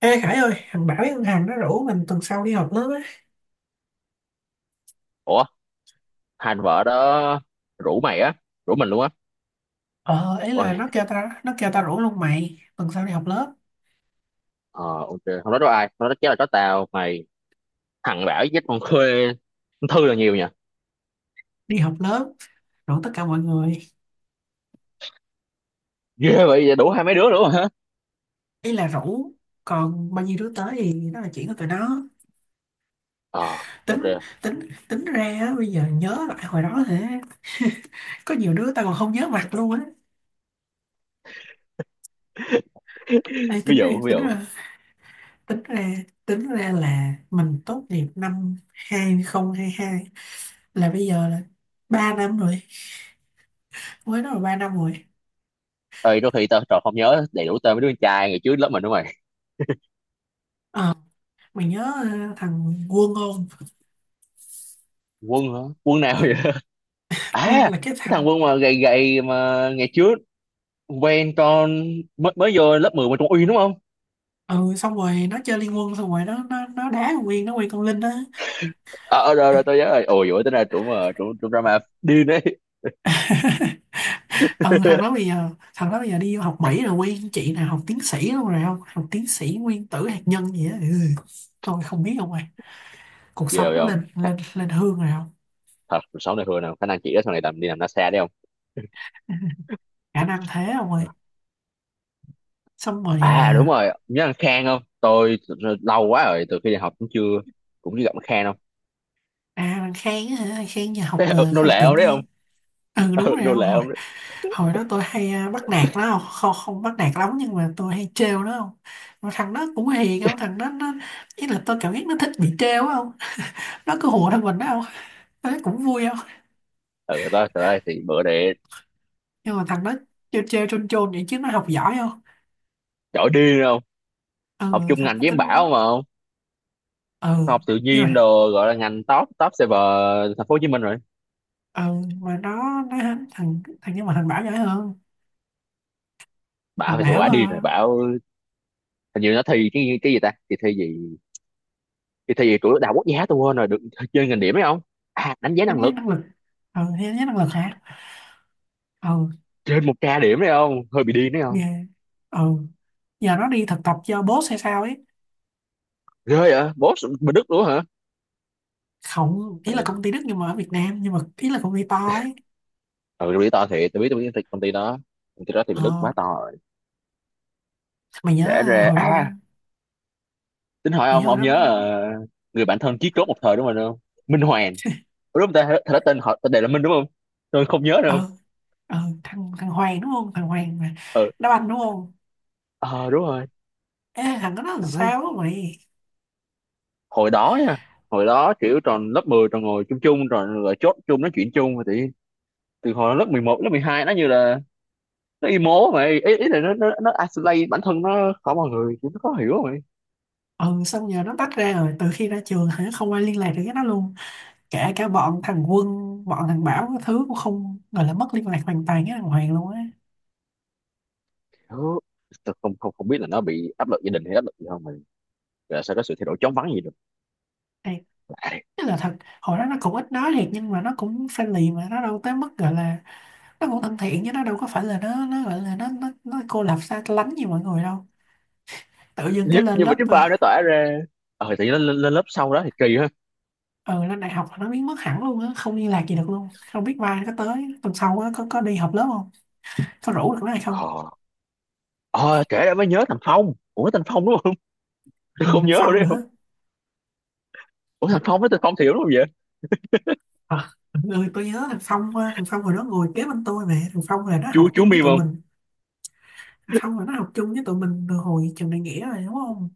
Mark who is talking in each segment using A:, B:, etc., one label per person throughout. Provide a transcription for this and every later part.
A: Ê Khải ơi, thằng Bảo với con Hằng nó rủ mình tuần sau đi họp lớp á.
B: Ủa, hai anh vợ đó rủ mày á? Rủ mình luôn á?
A: Ờ, ấy là
B: Ôi,
A: nó kêu ta rủ luôn mày, tuần sau đi họp lớp,
B: ờ, ok, không nói đó ai không nói đó chắc là có tao mày, thằng bảo với con Khuê, con Thư là nhiều nha.
A: đi họp lớp, rủ tất cả mọi người.
B: Ghê vậy đủ hai mấy đứa luôn hả?
A: Ý là rủ, còn bao nhiêu đứa tới thì đó là chuyện của tụi nó.
B: Ờ, ok.
A: Tính, tính, tính ra á, bây giờ nhớ lại hồi đó hả, có nhiều đứa ta còn không nhớ mặt luôn á. Ê,
B: Ví
A: tính ra,
B: dụ, ví
A: tính
B: dụ.
A: ra, tính ra, tính ra là mình tốt nghiệp năm 2022, là bây giờ là 3 năm rồi, mới đó là 3 năm rồi.
B: Ơi, đôi khi tao trò không nhớ đầy đủ tên mấy đứa con trai ngày trước lớp mình đúng mày?
A: Ờ, mày nhớ ờ, thằng Quân không.
B: Quân hả? Quân nào vậy? À,
A: Quân
B: cái
A: là cái thằng,
B: thằng Quân mà gầy gầy mà ngày trước quen con, mới mới vô lớp 10 mà trong uy đúng không?
A: ừ, xong rồi nó chơi Liên Quân, xong rồi nó đá con Nguyên, nó quen con Linh đó.
B: Ờ à, rồi rồi tao nhớ rồi, ôi dồi ôi, tính ra trụ mà trụ trụ drama điên đấy.
A: Ừ, thằng đó bây giờ thằng đó bây giờ đi học Mỹ rồi, quen chị nào học tiến sĩ luôn rồi, không, học tiến sĩ nguyên tử hạt nhân gì á, ừ. Tôi không biết không ơi, cuộc
B: Ghê
A: sống nó
B: không.
A: lên lên lên hương rồi không.
B: Thật sáu này hư nào, khả năng chị đó sau này làm đi làm lái xe đấy không.
A: Khả năng thế không ơi, xong rồi
B: À đúng
A: à.
B: rồi, nhớ anh Khang không tôi, lâu quá rồi từ khi đi học cũng chưa, cũng chưa gặp anh Khang không.
A: À, thằng Khang á hả? Thằng Khang giờ học
B: Thế, ừ,
A: ờ, khoa
B: nô
A: học
B: lệ
A: tự
B: không đấy không.
A: nhiên. Ừ, đúng
B: Ừ,
A: rồi
B: nô
A: không.
B: lệ
A: hồi
B: không đấy.
A: hồi đó tôi hay à, bắt nạt nó không, không, không bắt nạt lắm nhưng mà tôi hay trêu nó không. Mà thằng đó cũng hiền không, thằng đó nó, ý là tôi cảm giác nó thích bị trêu á không, nó cứ hùa theo mình đó không, tôi thấy cũng vui không.
B: Ừ đó, trời ơi thì bữa để.
A: Nhưng mà thằng đó trêu trêu chôn chôn vậy chứ nó học giỏi không.
B: Giỏi điên không. Học
A: Ừ,
B: chung
A: thằng
B: ngành
A: đó
B: với em
A: tính,
B: Bảo mà không.
A: ừ,
B: Học tự
A: nhưng
B: nhiên
A: mà
B: đồ gọi là ngành top, top server. Thành phố Hồ Chí Minh rồi.
A: ừ, mà nó thằng thằng nhưng mà thằng Bảo giỏi hơn.
B: Bảo
A: Thằng
B: phải
A: Bảo
B: quá điên rồi Bảo. Hình như nó thi cái gì ta, thì thi gì, thì thi gì của đại học quốc gia tôi quên rồi được. Chơi ngành điểm đấy không. À, đánh giá
A: tính
B: năng
A: nhất
B: lực.
A: năng lực. Ừ, tính nhất năng lực hả? Ừ.
B: Trên một k điểm đấy không, hơi bị điên đấy không.
A: Ghê. Ừ, giờ nó đi thực tập cho boss hay sao ấy.
B: Ghê vậy, boss bên Đức luôn hả?
A: Không, ý là
B: Đền.
A: công ty Đức nhưng mà ở Việt Nam, nhưng mà ý là công ty to ấy.
B: Ừ, tôi biết to thiệt, tôi biết cái công ty đó, công ty đó thì
A: Ờ,
B: bên Đức quá to rồi.
A: mày nhớ
B: Kể
A: à,
B: ra
A: hồi đó mà
B: à, tính hỏi
A: mày nhớ
B: ông
A: hồi
B: ông
A: đó
B: nhớ
A: mà.
B: người bạn thân chí cốt một thời đúng không không. Minh Hoàng. Ủa đúng không ta, thật ra tên họ tên đề là Minh đúng không, tôi không nhớ đâu.
A: ờ ờ thằng thằng Hoàng đúng không, thằng Hoàng mà
B: Ừ.
A: đá banh đúng không.
B: Ờ đúng rồi.
A: Ê, thằng đó nó làm
B: Tao nói,
A: sao á mày?
B: hồi đó nha, hồi đó kiểu tròn lớp 10 tròn ngồi chung, chung rồi rồi chốt chung nói chuyện chung rồi thì từ hồi lớp 11 lớp 12 nó như là nó emo mày ý, ý là nó nó isolate bản thân nó khỏi mọi người kiểu nó khó hiểu.
A: Ừ, xong giờ nó tách ra rồi từ khi ra trường hả, không ai liên lạc được với nó luôn, kể cả bọn thằng Quân, bọn thằng Bảo cái thứ, cũng không, gọi là mất liên lạc hoàn toàn với thằng Hoàng luôn á.
B: Đó, tôi không không không biết là nó bị áp lực gia đình hay áp lực gì không, mà là sao có sự thay đổi chóng vánh gì được. Lạ.
A: Thế là thật, hồi đó nó cũng ít nói thiệt nhưng mà nó cũng friendly, mà nó đâu tới mức gọi là, nó cũng thân thiện chứ nó đâu có phải là nó gọi là nó cô lập xa lánh như mọi người đâu. Tự dưng cái
B: nhưng,
A: lên
B: nhưng mà
A: lớp
B: cái
A: ờ,
B: pha nó tỏa ra, ờ thì lên, lên lớp sau đó thì kỳ ha.
A: ừ lên đại học là nó biến mất hẳn luôn á, không liên lạc gì được luôn, không biết mai nó có tới tuần sau á, có đi họp lớp không, có rủ được nó hay không.
B: Ờ. Ờ kể ra mới nhớ thằng Phong, ủa thằng Phong đúng không? Tôi
A: Ừ,
B: không
A: thằng
B: nhớ
A: Phong
B: đâu đấy không.
A: nữa.
B: Ủa thằng Phong với thằng Phong Thiểu đúng không vậy?
A: À, ừ, tôi nhớ thằng Phong hồi đó ngồi kế bên tôi, mà thằng Phong là nó
B: chú
A: học
B: chú
A: chung với
B: Mim
A: tụi
B: không.
A: mình. Thằng Phong là nó học chung với tụi mình từ hồi trường đại nghĩa rồi đúng không.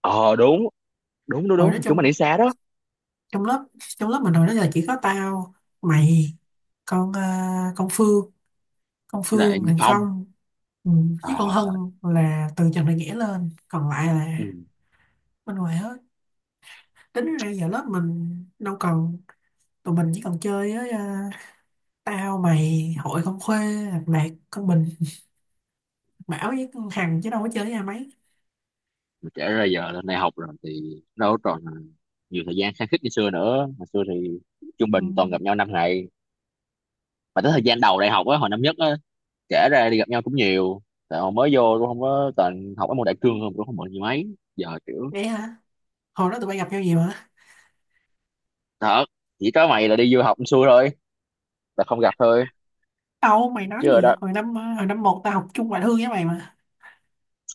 B: Ờ đúng, đúng
A: Hồi
B: đúng
A: đó
B: chúng mình
A: trong
B: đi xa đó.
A: trong lớp trong lớp mình hồi đó là chỉ có tao, mày, con ờ, con Phương con
B: Với
A: Phương
B: lại
A: Huỳnh
B: Phong.
A: Phong. Ừ, với con
B: Ờ rồi.
A: Hân là từ Trần Đại Nghĩa lên, còn lại
B: Ừ.
A: là bên ngoài hết. Tính ra giờ lớp mình đâu còn, tụi mình chỉ còn chơi với ờ, tao mày, hội con Khuê, Lạc Đạt, con Bình, Bảo với con Hằng, chứ đâu có chơi với ai mấy.
B: Mà kể ra giờ lên đại học rồi thì đâu còn nhiều thời gian khăng khít như xưa nữa, hồi xưa thì trung
A: Ừ.
B: bình toàn gặp nhau năm ngày. Mà tới thời gian đầu đại học á, hồi năm nhất á, kể ra đi gặp nhau cũng nhiều, tại hồi mới vô cũng không có, toàn học ở môn đại cương không, cũng không mượn gì mấy giờ kiểu.
A: Vậy hả, hồi đó tụi bay gặp nhau gì mà.
B: Thật, chỉ có mày là đi du học xui thôi, là không gặp thôi.
A: Đâu, mày nói
B: Chứ rồi
A: gì vậy,
B: đó,
A: hồi năm 1 tao học chung ngoại thương với mày mà.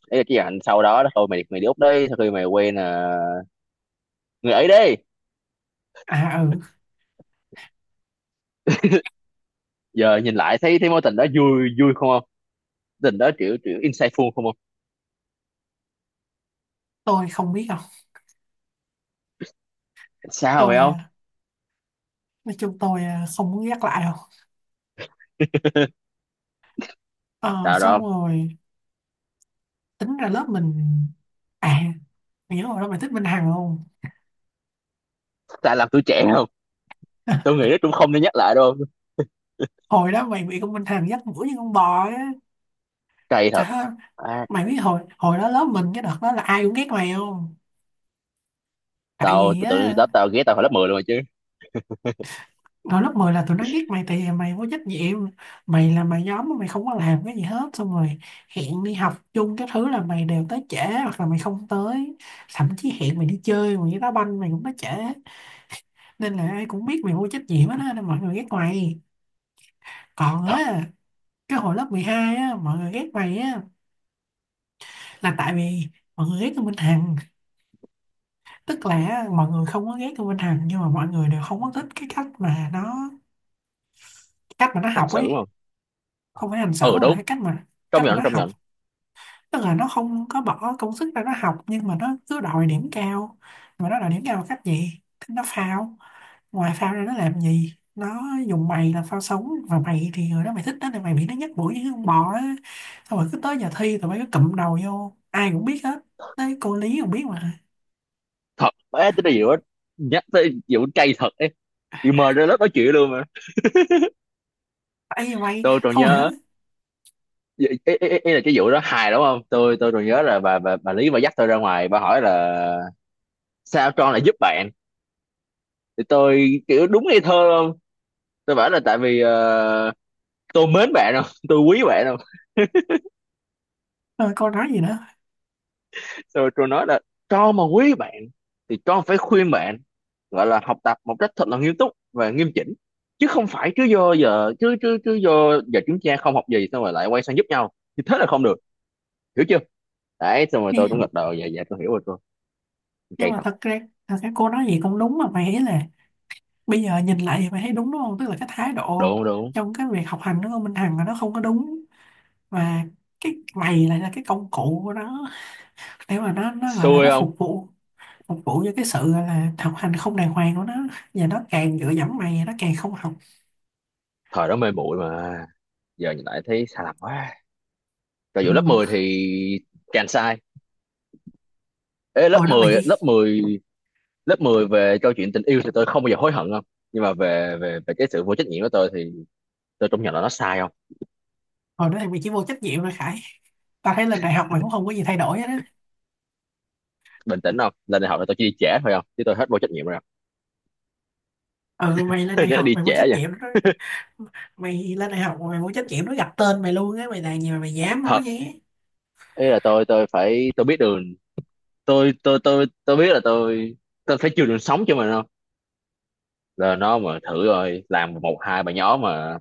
B: ấy là cái hành sau đó đó thôi, mày mày đi Úc đi sau khi mày quen người ấy đi.
A: À, ừ,
B: Giờ nhìn lại thấy thấy mối tình đó vui vui không không, tình đó kiểu kiểu insightful không không.
A: tôi không biết đâu.
B: Sao vậy
A: Tôi ờ,
B: không.
A: nói chung tôi à, không muốn nhắc lại đâu. Ờ,
B: Sao
A: xong
B: đâu.
A: rồi tính ra lớp mình, à, mày nhớ hồi đó mày thích Minh Hằng không.
B: Tại làm tuổi trẻ không. Tôi nghĩ nó cũng không nên nhắc lại đâu.
A: Hồi đó mày bị con Minh Hằng dắt mũi như con bò á,
B: Cay thật.
A: trời ơi.
B: À,
A: Mày biết hồi hồi đó lớp mình cái đợt đó là ai cũng ghét mày không, tại
B: tao
A: vì
B: tự tự
A: á,
B: đó tao ghé tao hồi lớp 10 luôn rồi chứ.
A: hồi lớp 10 là tụi nó ghét mày tại vì mày vô trách nhiệm. Mày là mày nhóm mà mày không có làm cái gì hết, xong rồi hẹn đi học chung cái thứ là mày đều tới trễ, hoặc là mày không tới, thậm chí hẹn mày đi chơi, mày đi đá banh mày cũng tới trễ, nên là ai cũng biết mày vô trách nhiệm hết á, nên mọi người ghét mày. Còn á, cái hồi lớp 12 á, mọi người ghét mày á, là tại vì mọi người ghét Tô Minh Hằng. Tức là á, mọi người không có ghét Tô Minh Hằng nhưng mà mọi người đều không có thích cái cách mà nó
B: Hành
A: học
B: xử
A: ấy.
B: không.
A: Không phải hành xử
B: Ừ
A: mà là
B: đúng,
A: cái cách mà
B: trong
A: cách mà
B: nhận,
A: nó
B: trong
A: học.
B: nhận.
A: Tức là nó không có bỏ công sức ra nó học nhưng mà nó cứ đòi điểm cao. Mà nó đòi điểm cao bằng cách gì, nó phao, ngoài phao ra nó làm gì, nó dùng mày làm phao sống và mày thì người đó mày thích đó thì mày bị nó nhắc mũi như con bò á. Xong rồi cứ tới giờ thi tụi bay cứ cụm đầu vô, ai cũng biết hết, tới cô Lý còn biết mà.
B: Thật bé tính điều á, nhắc tới vụ cay thật ấy, bị mời ra lớp nói chuyện luôn mà.
A: Ấy mày
B: Tôi còn
A: không hiểu nữa.
B: nhớ, ý là cái vụ đó hài đúng không, tôi còn nhớ là bà, bà Lý bà dắt tôi ra ngoài bà hỏi là sao Tron lại giúp bạn, thì tôi kiểu đúng ngây thơ luôn, tôi bảo là tại vì tôi mến bạn không, tôi quý bạn không.
A: Rồi cô nói gì nữa?
B: Rồi tôi nói là, cho mà quý bạn thì con phải khuyên bạn gọi là học tập một cách thật là nghiêm túc và nghiêm chỉnh, chứ không phải cứ do giờ chứ chứ chứ do giờ chúng ta không học gì xong rồi lại quay sang giúp nhau thì thế là không được, hiểu chưa. Đấy xong rồi tôi cũng
A: Nghe-
B: gật đầu dạ dạ tôi hiểu rồi tôi.
A: nhưng
B: Cây
A: mà
B: thật.
A: thật ra, thật ra cô nói gì cũng đúng mà mày, ý là bây giờ nhìn lại thì mày thấy đúng đúng không? Tức là cái thái độ
B: Đúng, đúng.
A: trong cái việc học hành nó của con Minh Hằng là nó không có đúng, và cái mày lại là cái công cụ của nó để mà nó gọi là
B: Xui
A: nó
B: không.
A: phục vụ, phục vụ cho cái sự gọi là học hành không đàng hoàng của nó. Và nó càng dựa dẫm mày nó càng không học.
B: Thời đó mê muội mà, giờ nhìn lại thấy sai lầm quá. Rồi vụ lớp
A: Ừ.
B: 10 thì càng sai. Ê, lớp
A: hồi đó mày
B: 10
A: chỉ
B: lớp 10 về câu chuyện tình yêu thì tôi không bao giờ hối hận không, nhưng mà về về về cái sự vô trách nhiệm của tôi thì tôi công nhận là nó sai không.
A: Hồi đó thì mày chỉ vô trách nhiệm thôi Khải. Tao thấy lên đại học mày cũng không có gì thay đổi hết á.
B: Bình tĩnh không, lên đại học là tôi chỉ đi trễ thôi không, chứ tôi hết vô trách nhiệm rồi.
A: Ừ, mày lên
B: Không,
A: đại
B: nó
A: học
B: đi
A: mày vô
B: trễ
A: trách
B: vậy.
A: nhiệm đó. Mày lên đại học mày vô trách nhiệm, nó gặp tên mày luôn á, mày làm gì mà mày dám nói
B: Thật,
A: vậy á?
B: ý là tôi phải, tôi biết đường, tôi biết là tôi phải chừa đường sống cho mình không, là nó mà thử rồi làm một hai bài nhỏ mà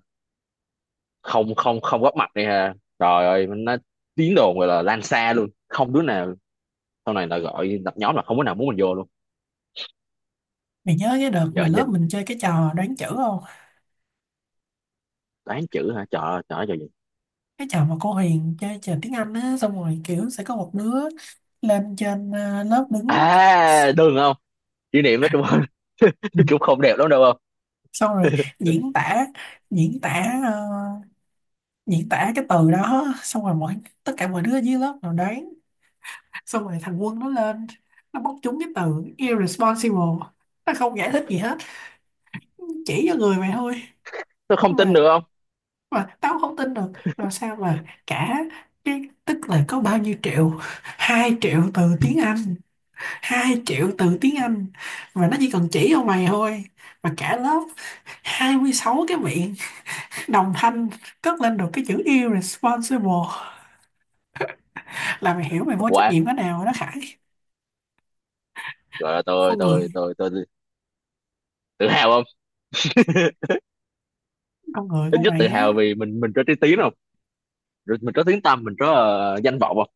B: không không không góp mặt đi ha, trời ơi, nó tiếng đồn gọi là lan xa luôn không, đứa nào sau này là gọi lập nhóm là không có nào muốn mình vô luôn.
A: Mày nhớ cái đợt mà
B: Giờ
A: lớp
B: nhìn,
A: mình chơi cái trò đoán chữ không?
B: toán chữ hả, trời ơi, trời ơi, trời gì.
A: Cái trò mà cô Huyền chơi trò tiếng Anh á, xong rồi kiểu sẽ có một đứa lên trên ờ, lớp đứng,
B: À đừng không, kỷ niệm đó chung, cũng không đẹp lắm đâu không.
A: xong rồi diễn tả diễn tả ờ, diễn tả cái từ đó, xong rồi mọi, tất cả mọi đứa dưới lớp nào đoán. Xong rồi thằng Quân nó lên, nó bóc trúng cái từ irresponsible, nó không giải thích gì hết, chỉ cho người mày thôi.
B: Tôi không tin
A: mà
B: được không.
A: mà tao không tin được. Rồi sao mà cả, cái tức là có bao nhiêu triệu, 2 triệu từ tiếng Anh, 2 triệu từ tiếng Anh, mà nó chỉ cần chỉ cho mày thôi, mà cả lớp 26 cái miệng đồng thanh cất lên được cái chữ irresponsible, là mày hiểu mày vô trách
B: Quá.
A: nhiệm cái nào rồi đó Khải.
B: Rồi
A: con người
B: tôi tự hào không,
A: con người
B: ít
A: của
B: nhất
A: mày
B: tự
A: á.
B: hào vì mình có trí tiếng không. Rồi mình có tiếng tăm, mình có danh vọng không,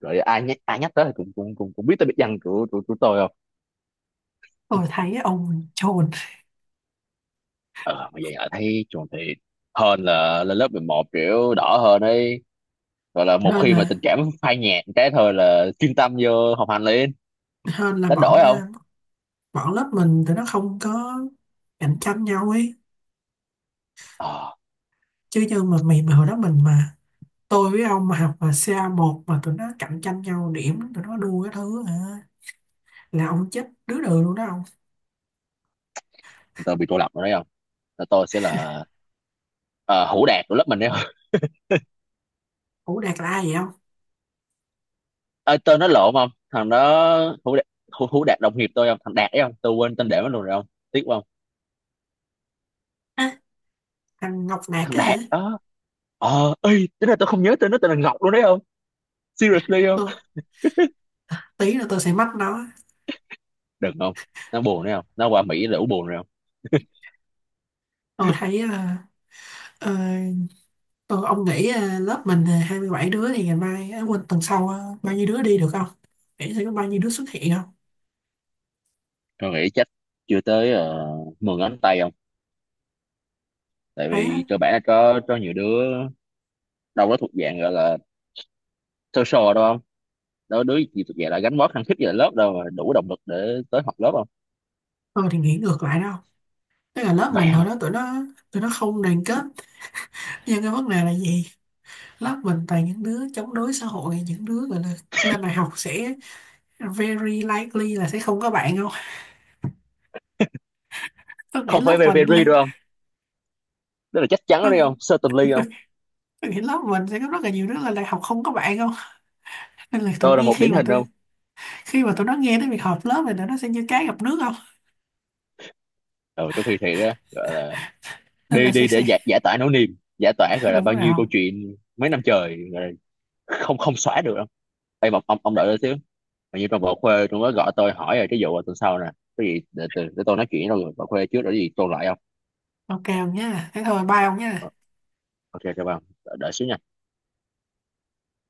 B: rồi ai nhắc, tới thì cũng cũng cũng cũng biết tới biệt danh của tôi không.
A: Tôi thấy ông chồn.
B: Ờ mà vậy là thấy chuẩn thì, hơn là lên lớp 11 kiểu đỏ hơn ấy, gọi là một
A: Hơn
B: khi mà
A: là,
B: tình cảm phai nhạt cái thôi là chuyên tâm vô học hành liền.
A: hơn là
B: Đánh đổi
A: bọn ờ,
B: không.
A: bọn lớp mình tụi nó không có cạnh tranh nhau ấy.
B: Ờ
A: Chứ như mà mày mà hồi đó mình mà, tôi với ông mà học mà ca một mà tụi nó cạnh tranh nhau điểm, tụi nó đua cái thứ hả, là ông chết đứa đường luôn đó ông.
B: tôi bị cô lập rồi đấy không, là tôi sẽ là ờ, hủ đạt của lớp mình đấy.
A: Ủa Đạt là ai vậy ông?
B: Ê, tên nó lộn không, thằng đó hữu đạt, hữu đạt đồng nghiệp tôi không, thằng đạt ấy không, tôi quên tên để nó luôn rồi không. Tiếc không.
A: À, thằng Ngọc Đạt
B: Thằng
A: á hả.
B: đạt đó. Ờ ê, tính là tôi không nhớ tên nó tên là Ngọc luôn đấy không, seriously không.
A: Ừ, tí nữa tôi sẽ mách nó.
B: Đừng không, nó buồn đấy không, nó qua Mỹ là ủ buồn rồi không.
A: Tôi thấy ờ, ờ, ờ, ông nghĩ à, lớp mình à, 27 đứa thì ngày mai, à, quên, tuần sau à, bao nhiêu đứa đi được không? Nghĩ sẽ có bao nhiêu đứa xuất hiện không?
B: Tôi nghĩ chắc chưa tới 10 ngón tay không, tại
A: Thế á,
B: vì cơ bản là có nhiều đứa đâu đó thuộc dạng gọi là social đâu không, đó đứa gì thuộc dạng là gánh vác khăng khít về lớp đâu mà đủ động lực để tới học lớp không.
A: tôi thì nghĩ ngược lại đâu. Tức là lớp
B: Vậy
A: mình hồi
B: hả,
A: đó tụi nó, tụi nó không đoàn kết. Nhưng cái vấn đề là gì? Lớp mình toàn những đứa chống đối xã hội, những đứa gọi là lên đại học sẽ very likely là sẽ không có bạn không? Tôi nghĩ
B: không
A: lớp
B: phải very,
A: mình
B: very
A: là
B: đâu không, tức là chắc chắn
A: tôi
B: đấy
A: nghĩ,
B: không, certainly không.
A: tôi nghĩ lớp mình sẽ có rất là nhiều đứa lên đại học không có bạn không? Nên là tôi
B: Tôi là
A: nghe
B: một điển hình không.
A: khi mà tụi nó nghe tới việc họp lớp thì tụi nó sẽ như cá gặp nước không?
B: Ừ, trước khi thi đó gọi là
A: Nên là
B: đi,
A: sẽ
B: đi để
A: sẽ
B: giải, giải tỏa nỗi niềm, giải tỏa gọi là
A: đúng
B: bao
A: rồi.
B: nhiêu câu chuyện mấy năm trời gọi là không không xóa được đâu. Ê, mà ông, đợi tôi xíu, hình như trong bộ khuê tôi mới gọi tôi hỏi rồi cái vụ tuần sau nè, cái gì để tôi nói chuyện với rồi bộ khuê trước rồi cái gì tôi lại không.
A: Ok ông nhá, thế thôi, bye ông
B: Ờ,
A: nhá.
B: ok cho bạn đợi, xíu nha.